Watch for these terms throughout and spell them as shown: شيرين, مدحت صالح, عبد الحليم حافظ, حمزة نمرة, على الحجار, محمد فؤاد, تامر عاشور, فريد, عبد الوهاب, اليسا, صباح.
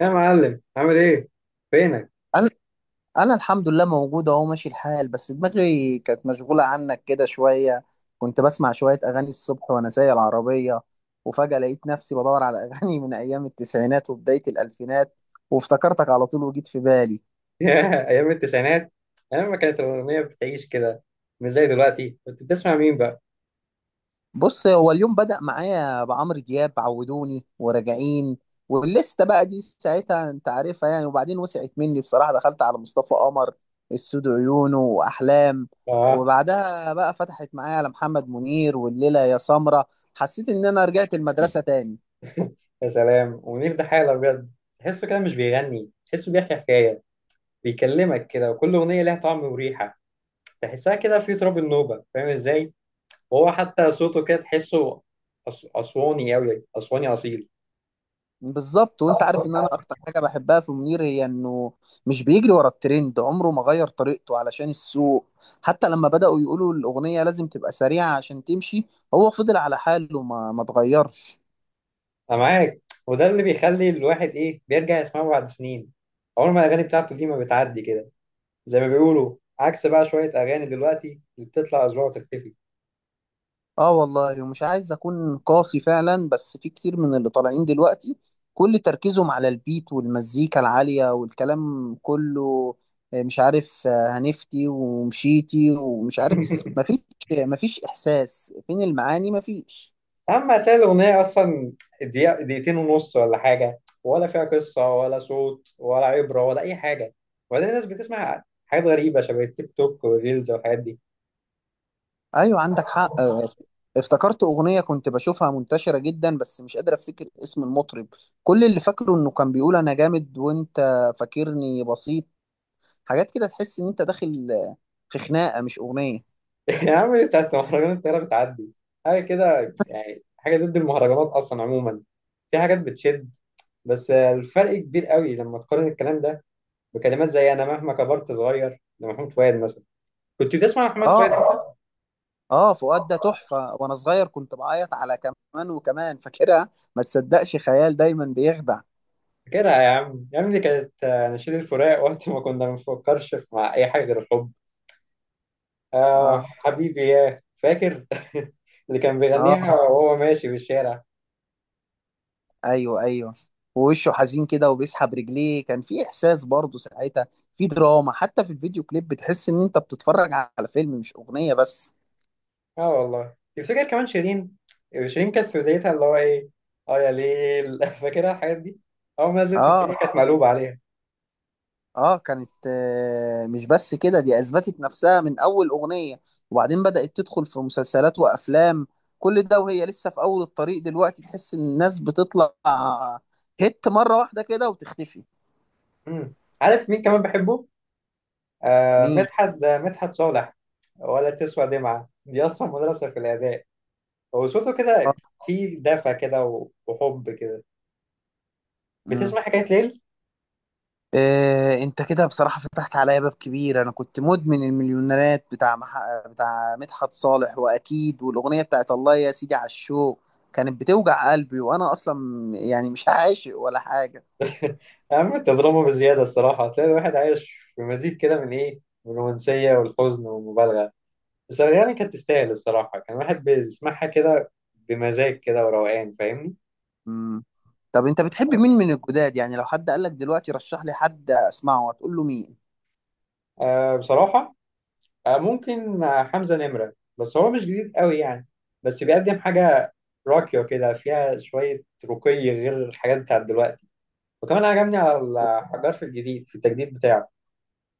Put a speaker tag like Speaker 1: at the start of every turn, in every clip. Speaker 1: يا معلم عامل ايه؟ فينك؟
Speaker 2: انا انا الحمد لله موجود اهو، ماشي الحال، بس دماغي كانت مشغوله عنك كده شويه. كنت بسمع شويه اغاني الصبح وانا سايق العربيه، وفجاه لقيت نفسي بدور على اغاني من ايام التسعينات وبدايه الالفينات، وافتكرتك على طول وجيت في بالي.
Speaker 1: يا ايام التسعينات، ايام ما كانت الاغنيه بتعيش كده. مش زي دلوقتي. كنت بتسمع مين بقى؟
Speaker 2: بص، هو اليوم بدأ معايا بعمرو دياب، عودوني وراجعين، واللسته بقى دي ساعتها انت عارفها يعني. وبعدين وسعت مني بصراحة، دخلت على مصطفى قمر، السود عيونه واحلام.
Speaker 1: اه،
Speaker 2: وبعدها بقى فتحت معايا على محمد منير والليلة يا سمرة. حسيت ان انا رجعت المدرسة تاني.
Speaker 1: يا سلام. ومنير ده حاله بجد، تحسه كده مش بيغني، تحسه بيحكي حكايه. بيكلمك كده وكل اغنيه لها طعم وريحه، تحسها كده في تراب النوبه، فاهم ازاي؟ وهو حتى صوته كده تحسه اسواني قوي، اسواني اصيل.
Speaker 2: بالظبط، وانت عارف ان انا اكتر حاجه بحبها في منير هي انه مش بيجري ورا الترند، عمره ما غير طريقته علشان السوق. حتى لما بداوا يقولوا الاغنيه لازم تبقى سريعه عشان تمشي، هو فضل على حاله ما اتغيرش.
Speaker 1: انا معاك. وده اللي بيخلي الواحد بيرجع يسمعه بعد سنين. عمر ما الاغاني بتاعته دي ما بتعدي كده، زي ما بيقولوا. عكس بقى شوية أغاني دلوقتي اللي بتطلع أسبوع وتختفي.
Speaker 2: اه والله، ومش عايز اكون قاسي فعلا، بس في كتير من اللي طالعين دلوقتي كل تركيزهم على البيت والمزيكا العاليه والكلام كله، مش عارف، هنفتي ومشيتي ومش عارف. مفيش مفيش احساس، فين المعاني؟ مفيش.
Speaker 1: أما هتلاقي الأغنية أصلا دقيقة، دقيقتين ونص ولا حاجة، ولا فيها قصة ولا صوت ولا عبرة ولا أي حاجة. وبعدين الناس بتسمع حاجات غريبة شبه التيك توك والريلز والحاجات دي.
Speaker 2: ايوه عندك حق. افتكرت اغنيه كنت بشوفها منتشره جدا، بس مش قادر افتكر اسم المطرب. كل اللي فاكره انه كان بيقول انا جامد وانت فاكرني بسيط. حاجات كده تحس ان انت داخل في خناقه مش اغنيه.
Speaker 1: يا عم دي بتاعت مهرجانات، الطيارة بتعدي. حاجة كده يعني، حاجة ضد المهرجانات أصلا عموما. في حاجات بتشد، بس الفرق كبير قوي لما تقارن الكلام ده بكلمات زي أنا مهما كبرت صغير لمحمود فؤاد مثلا. كنت بتسمع محمد فؤاد
Speaker 2: اه.
Speaker 1: أنت؟
Speaker 2: اه، فؤاد ده تحفه. وانا صغير كنت بعيط على كمان وكمان، فاكرها؟ ما تصدقش، خيال دايما بيخدع.
Speaker 1: فاكرها يا عم، يا عم دي كانت نشيد الفراق، وقت ما كنا ما بنفكرش مع أي حاجة غير الحب. آه
Speaker 2: اه.
Speaker 1: حبيبي يا فاكر. اللي كان
Speaker 2: اه.
Speaker 1: بيغنيها وهو ماشي في الشارع.
Speaker 2: ايوه، ايوه. ووشه حزين كده وبيسحب رجليه، كان في احساس برضه ساعتها. في دراما حتى في الفيديو كليب، بتحس ان انت بتتفرج على فيلم مش اغنية بس.
Speaker 1: اه والله. تفتكر كمان شيرين؟ شيرين كانت في بدايتها، اللي هو ايه، اه يا ليل. فاكرها الحاجات دي. اول ما نزلت الدنيا
Speaker 2: اه.
Speaker 1: كانت مقلوبة عليها.
Speaker 2: اه، كانت مش بس كده، دي اثبتت نفسها من اول اغنية. وبعدين بدأت تدخل في مسلسلات وافلام، كل ده وهي لسه في اول الطريق. دلوقتي تحس ان الناس بتطلع هيت مرة واحدة كده وتختفي.
Speaker 1: مم. عارف مين كمان بحبه؟ آه
Speaker 2: مين؟
Speaker 1: مدحت، مدحت صالح. ولا تسوى دمعة دي أصلا مدرسة في الأداء. وصوته
Speaker 2: اه.
Speaker 1: كده فيه دفى كده، وحب كده.
Speaker 2: مم.
Speaker 1: بتسمع حكاية ليل؟
Speaker 2: إيه، انت كده بصراحة فتحت عليا باب كبير. انا كنت مدمن المليونيرات بتاع مدحت صالح، واكيد والاغنية بتاعت الله يا سيدي على الشوق كانت بتوجع قلبي، وانا اصلا يعني مش عاشق ولا حاجة.
Speaker 1: يا عم انت دراما بزيادة. الصراحة هتلاقي الواحد عايش في مزيج كده من ايه؟ من الرومانسية والحزن والمبالغة. بس يعني كانت تستاهل، الصراحة كان الواحد بيسمعها كده بمزاج كده وروقان، فاهمني؟
Speaker 2: مم. طب انت بتحب مين من الجداد؟ يعني لو حد قالك دلوقتي رشح لي حد اسمعه، هتقول له مين؟
Speaker 1: آه بصراحة، آه ممكن، حمزة نمرة. بس هو مش جديد قوي يعني، بس بيقدم حاجة راقية كده، فيها شوية رقي غير الحاجات بتاعت دلوقتي. وكمان عجبني على الحجار في الجديد، في التجديد بتاعه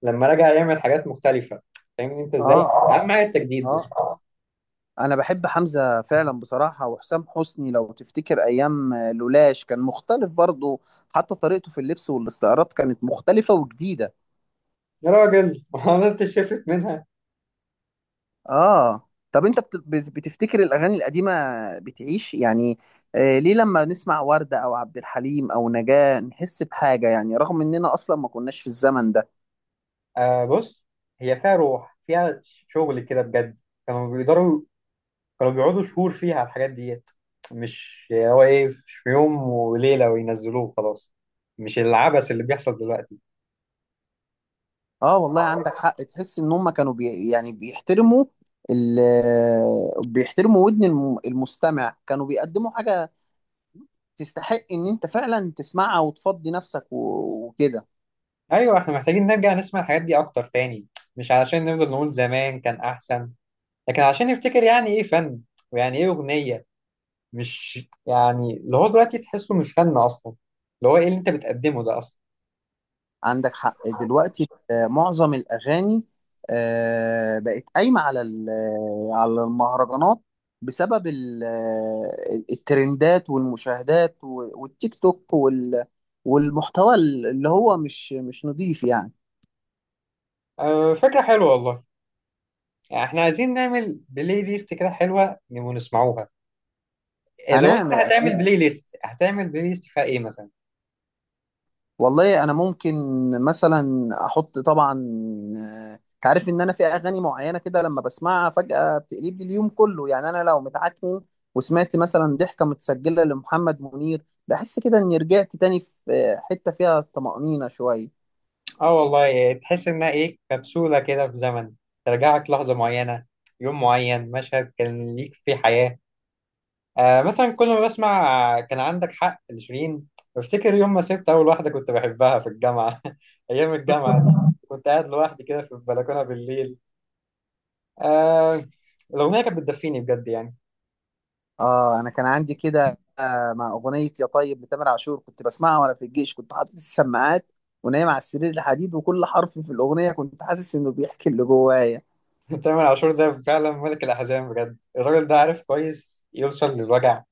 Speaker 1: لما رجع يعمل حاجات مختلفة. فاهمني انت ازاي؟
Speaker 2: اه.
Speaker 1: أهم حاجة التجديد
Speaker 2: اه،
Speaker 1: بس.
Speaker 2: انا بحب حمزة فعلا بصراحة. وحسام حسني، لو تفتكر ايام لولاش، كان مختلف برضه. حتى طريقته في اللبس والاستعارات كانت مختلفة وجديدة.
Speaker 1: يا راجل. ما هو انت شفت منها.
Speaker 2: اه. طب انت بتفتكر الاغاني القديمه بتعيش يعني؟ ليه لما نسمع ورده او عبد الحليم او نجاة نحس بحاجه، يعني رغم اننا اصلا ما كناش في الزمن ده؟
Speaker 1: آه بص، هي فيها روح، فيها شغل كده بجد. كانوا بيقدروا، كانوا بيقعدوا شهور فيها على الحاجات ديت. مش هو مش في يوم وليلة وينزلوه خلاص. مش العبث اللي بيحصل دلوقتي.
Speaker 2: اه والله عندك حق، تحس ان هم كانوا يعني بيحترموا، ال بيحترموا ودن المستمع، كانوا بيقدموا حاجه تستحق ان انت فعلا تسمعها وتفضي نفسك وكده.
Speaker 1: ايوه احنا محتاجين نرجع نسمع الحاجات دي اكتر تاني. مش علشان نفضل نقول زمان كان احسن، لكن علشان نفتكر يعني ايه فن، ويعني ايه اغنية. مش يعني اللي هو دلوقتي تحسه مش فن اصلا. اللي هو ايه اللي انت بتقدمه ده اصلا؟
Speaker 2: عندك حق، دلوقتي معظم الأغاني بقت قايمة على على المهرجانات، بسبب الترندات والمشاهدات والتيك توك والمحتوى، اللي هو مش نضيف يعني.
Speaker 1: آه فكرة حلوة والله. يعني احنا عايزين نعمل بلاي ليست كده حلوه نبقى نسمعوها. إيه، لو انت
Speaker 2: هنعمل
Speaker 1: هتعمل
Speaker 2: أكيد.
Speaker 1: بلاي ليست، هتعمل بلاي ليست فيها ايه مثلا؟
Speaker 2: والله انا ممكن مثلا احط، طبعا تعرف ان انا في اغاني معينه كده لما بسمعها فجاه بتقلب لي اليوم كله. يعني انا لو متعكن وسمعت مثلا ضحكه متسجله لمحمد منير، بحس كده اني رجعت تاني في حته فيها طمانينه شويه.
Speaker 1: اه والله. إيه، تحس انها ايه؟ كبسوله كده في زمن، ترجعك لحظه معينه، يوم معين، مشهد كان ليك فيه حياه. آه مثلا كل ما بسمع كان عندك حق لشيرين، بفتكر يوم ما سبت اول واحده كنت بحبها في الجامعه. ايام الجامعه دي، كنت قاعد لوحدي كده في البلكونه بالليل. آه، الاغنيه كانت بتدفيني بجد يعني.
Speaker 2: اه، انا كان عندي كده مع اغنيه يا طيب لتامر عاشور، كنت بسمعها وانا في الجيش، كنت حاطط السماعات ونايم على السرير الحديد، وكل حرف في الاغنيه كنت حاسس انه بيحكي اللي جوايا.
Speaker 1: تامر عاشور ده فعلا ملك الأحزان بجد. الراجل ده عارف كويس يوصل للوجع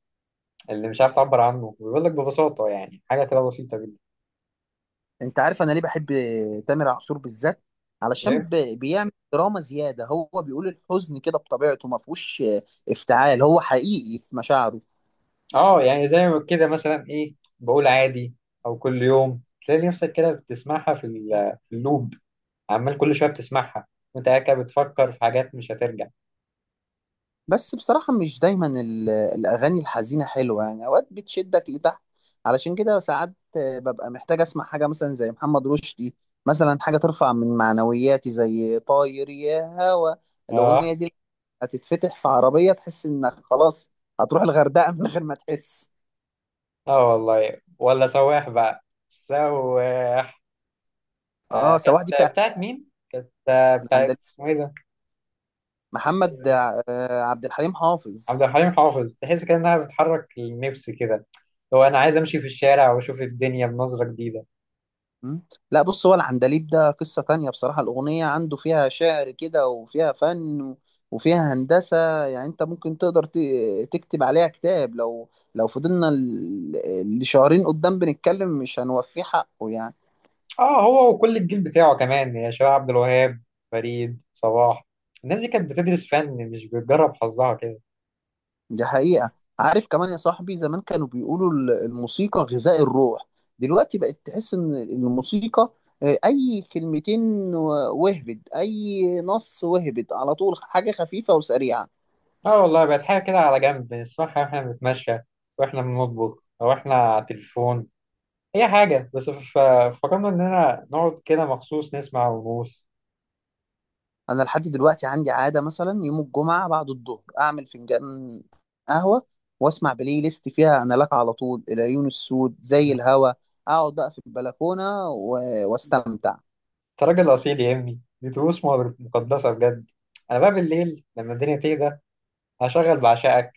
Speaker 1: اللي مش عارف تعبر عنه، بيقول لك ببساطة يعني حاجة كده بسيطة جدا.
Speaker 2: انت عارف انا ليه بحب تامر عاشور بالذات؟ علشان
Speaker 1: فاهم؟
Speaker 2: بيعمل دراما زياده، هو بيقول الحزن كده بطبيعته، ما فيهوش افتعال، هو حقيقي في مشاعره.
Speaker 1: اه يعني زي ما كده مثلا ايه، بقول عادي أو كل يوم. تلاقي نفسك كده بتسمعها في اللوب، عمال كل شوية بتسمعها وانت قاعد كده بتفكر في حاجات مش هترجع.
Speaker 2: بس بصراحه، مش دايما الاغاني الحزينه حلوه، يعني اوقات بتشدك لتحت. علشان كده ساعات ببقى محتاج اسمع حاجه مثلا زي محمد رشدي، مثلا حاجه ترفع من معنوياتي زي طاير يا هوا.
Speaker 1: اه.
Speaker 2: الاغنيه دي هتتفتح في عربيه، تحس انك خلاص هتروح الغردقه من غير ما تحس.
Speaker 1: اه والله، ولا سواح بقى، سواح آه
Speaker 2: اه، سواح دي بتاع
Speaker 1: كانت. بتاعت مين؟ كانت بتاعت
Speaker 2: العندليب،
Speaker 1: اسمه ايه ده؟
Speaker 2: محمد عبد الحليم
Speaker 1: عبد
Speaker 2: حافظ.
Speaker 1: الحليم حافظ. تحس كده انها بتحرك النفس كده، لو انا عايز امشي في الشارع واشوف الدنيا بنظرة جديدة.
Speaker 2: مم. لا بص، هو العندليب ده قصة تانية بصراحة، الأغنية عنده فيها شعر كده وفيها فن وفيها هندسة، يعني أنت ممكن تقدر تكتب عليها كتاب، لو لو فضلنا لشهرين قدام بنتكلم مش هنوفيه حقه يعني.
Speaker 1: اه، هو وكل الجيل بتاعه كمان، يا شباب عبد الوهاب، فريد، صباح. الناس دي كانت بتدرس فن، مش بتجرب حظها كده.
Speaker 2: دي حقيقة. عارف كمان يا صاحبي؟ زمان كانوا بيقولوا الموسيقى غذاء الروح، دلوقتي بقت تحس ان الموسيقى اي كلمتين وهبد، اي نص وهبد على طول، حاجة خفيفة وسريعة.
Speaker 1: اه والله بقت حاجة كده على جنب، نسمعها واحنا بنتمشى، واحنا بنطبخ، او احنا على التليفون، اي حاجة. بس فكرنا اننا نقعد كده مخصوص نسمع ونغوص.
Speaker 2: انا لحد دلوقتي عندي عادة، مثلا يوم الجمعة بعد الظهر اعمل فنجان قهوة، واسمع بلاي ليست فيها انا لك على طول، العيون السود، زي
Speaker 1: انت
Speaker 2: الهوا، اقعد بقى في البلكونة واستمتع.
Speaker 1: راجل اصيل يا ابني، دي طقوس مقدسة بجد. انا بقى بالليل لما الدنيا تهدى، هشغل بعشقك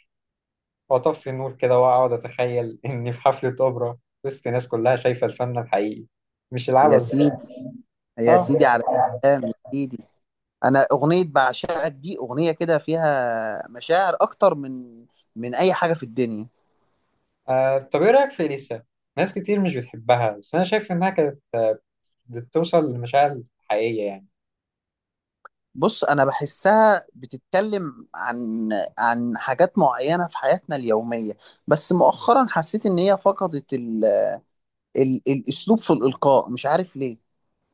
Speaker 1: واطفي النور كده، واقعد اتخيل اني في حفلة اوبرا وسط ناس كلها شايفة الفن الحقيقي، مش
Speaker 2: يا
Speaker 1: العبث ده.
Speaker 2: سيدي، يا
Speaker 1: اه.
Speaker 2: سيدي على الكلام، يا سيدي. انا اغنيه بعشقك دي اغنيه كده فيها مشاعر اكتر من اي حاجه في الدنيا.
Speaker 1: طب ايه رأيك في اليسا؟ ناس كتير مش بتحبها، بس انا شايف انها كانت بتوصل لمشاعر حقيقية يعني.
Speaker 2: بص، انا بحسها بتتكلم عن حاجات معينه في حياتنا اليوميه، بس مؤخرا حسيت ان هي فقدت الاسلوب في الالقاء، مش عارف ليه.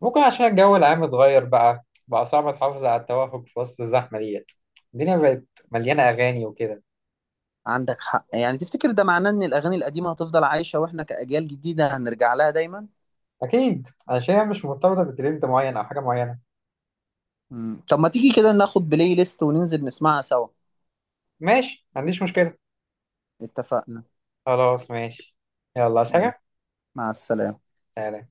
Speaker 1: ممكن عشان الجو العام اتغير، بقى صعب تحافظ على التوافق في وسط الزحمة ديت. الدنيا بقت مليانة اغاني وكده.
Speaker 2: عندك حق، يعني تفتكر ده معناه ان الاغاني القديمه هتفضل عايشه، واحنا كاجيال جديده هنرجع لها دايما؟
Speaker 1: اكيد، انا شايفها مش مرتبطة بترند معين او حاجة معينة.
Speaker 2: مم. طب ما تيجي كده ناخد بلاي ليست وننزل نسمعها سوا؟
Speaker 1: ماشي، ما عنديش مشكلة.
Speaker 2: اتفقنا.
Speaker 1: خلاص ماشي. يلا، عايز
Speaker 2: ماشي.
Speaker 1: حاجة؟
Speaker 2: مع السلامه.
Speaker 1: سلام.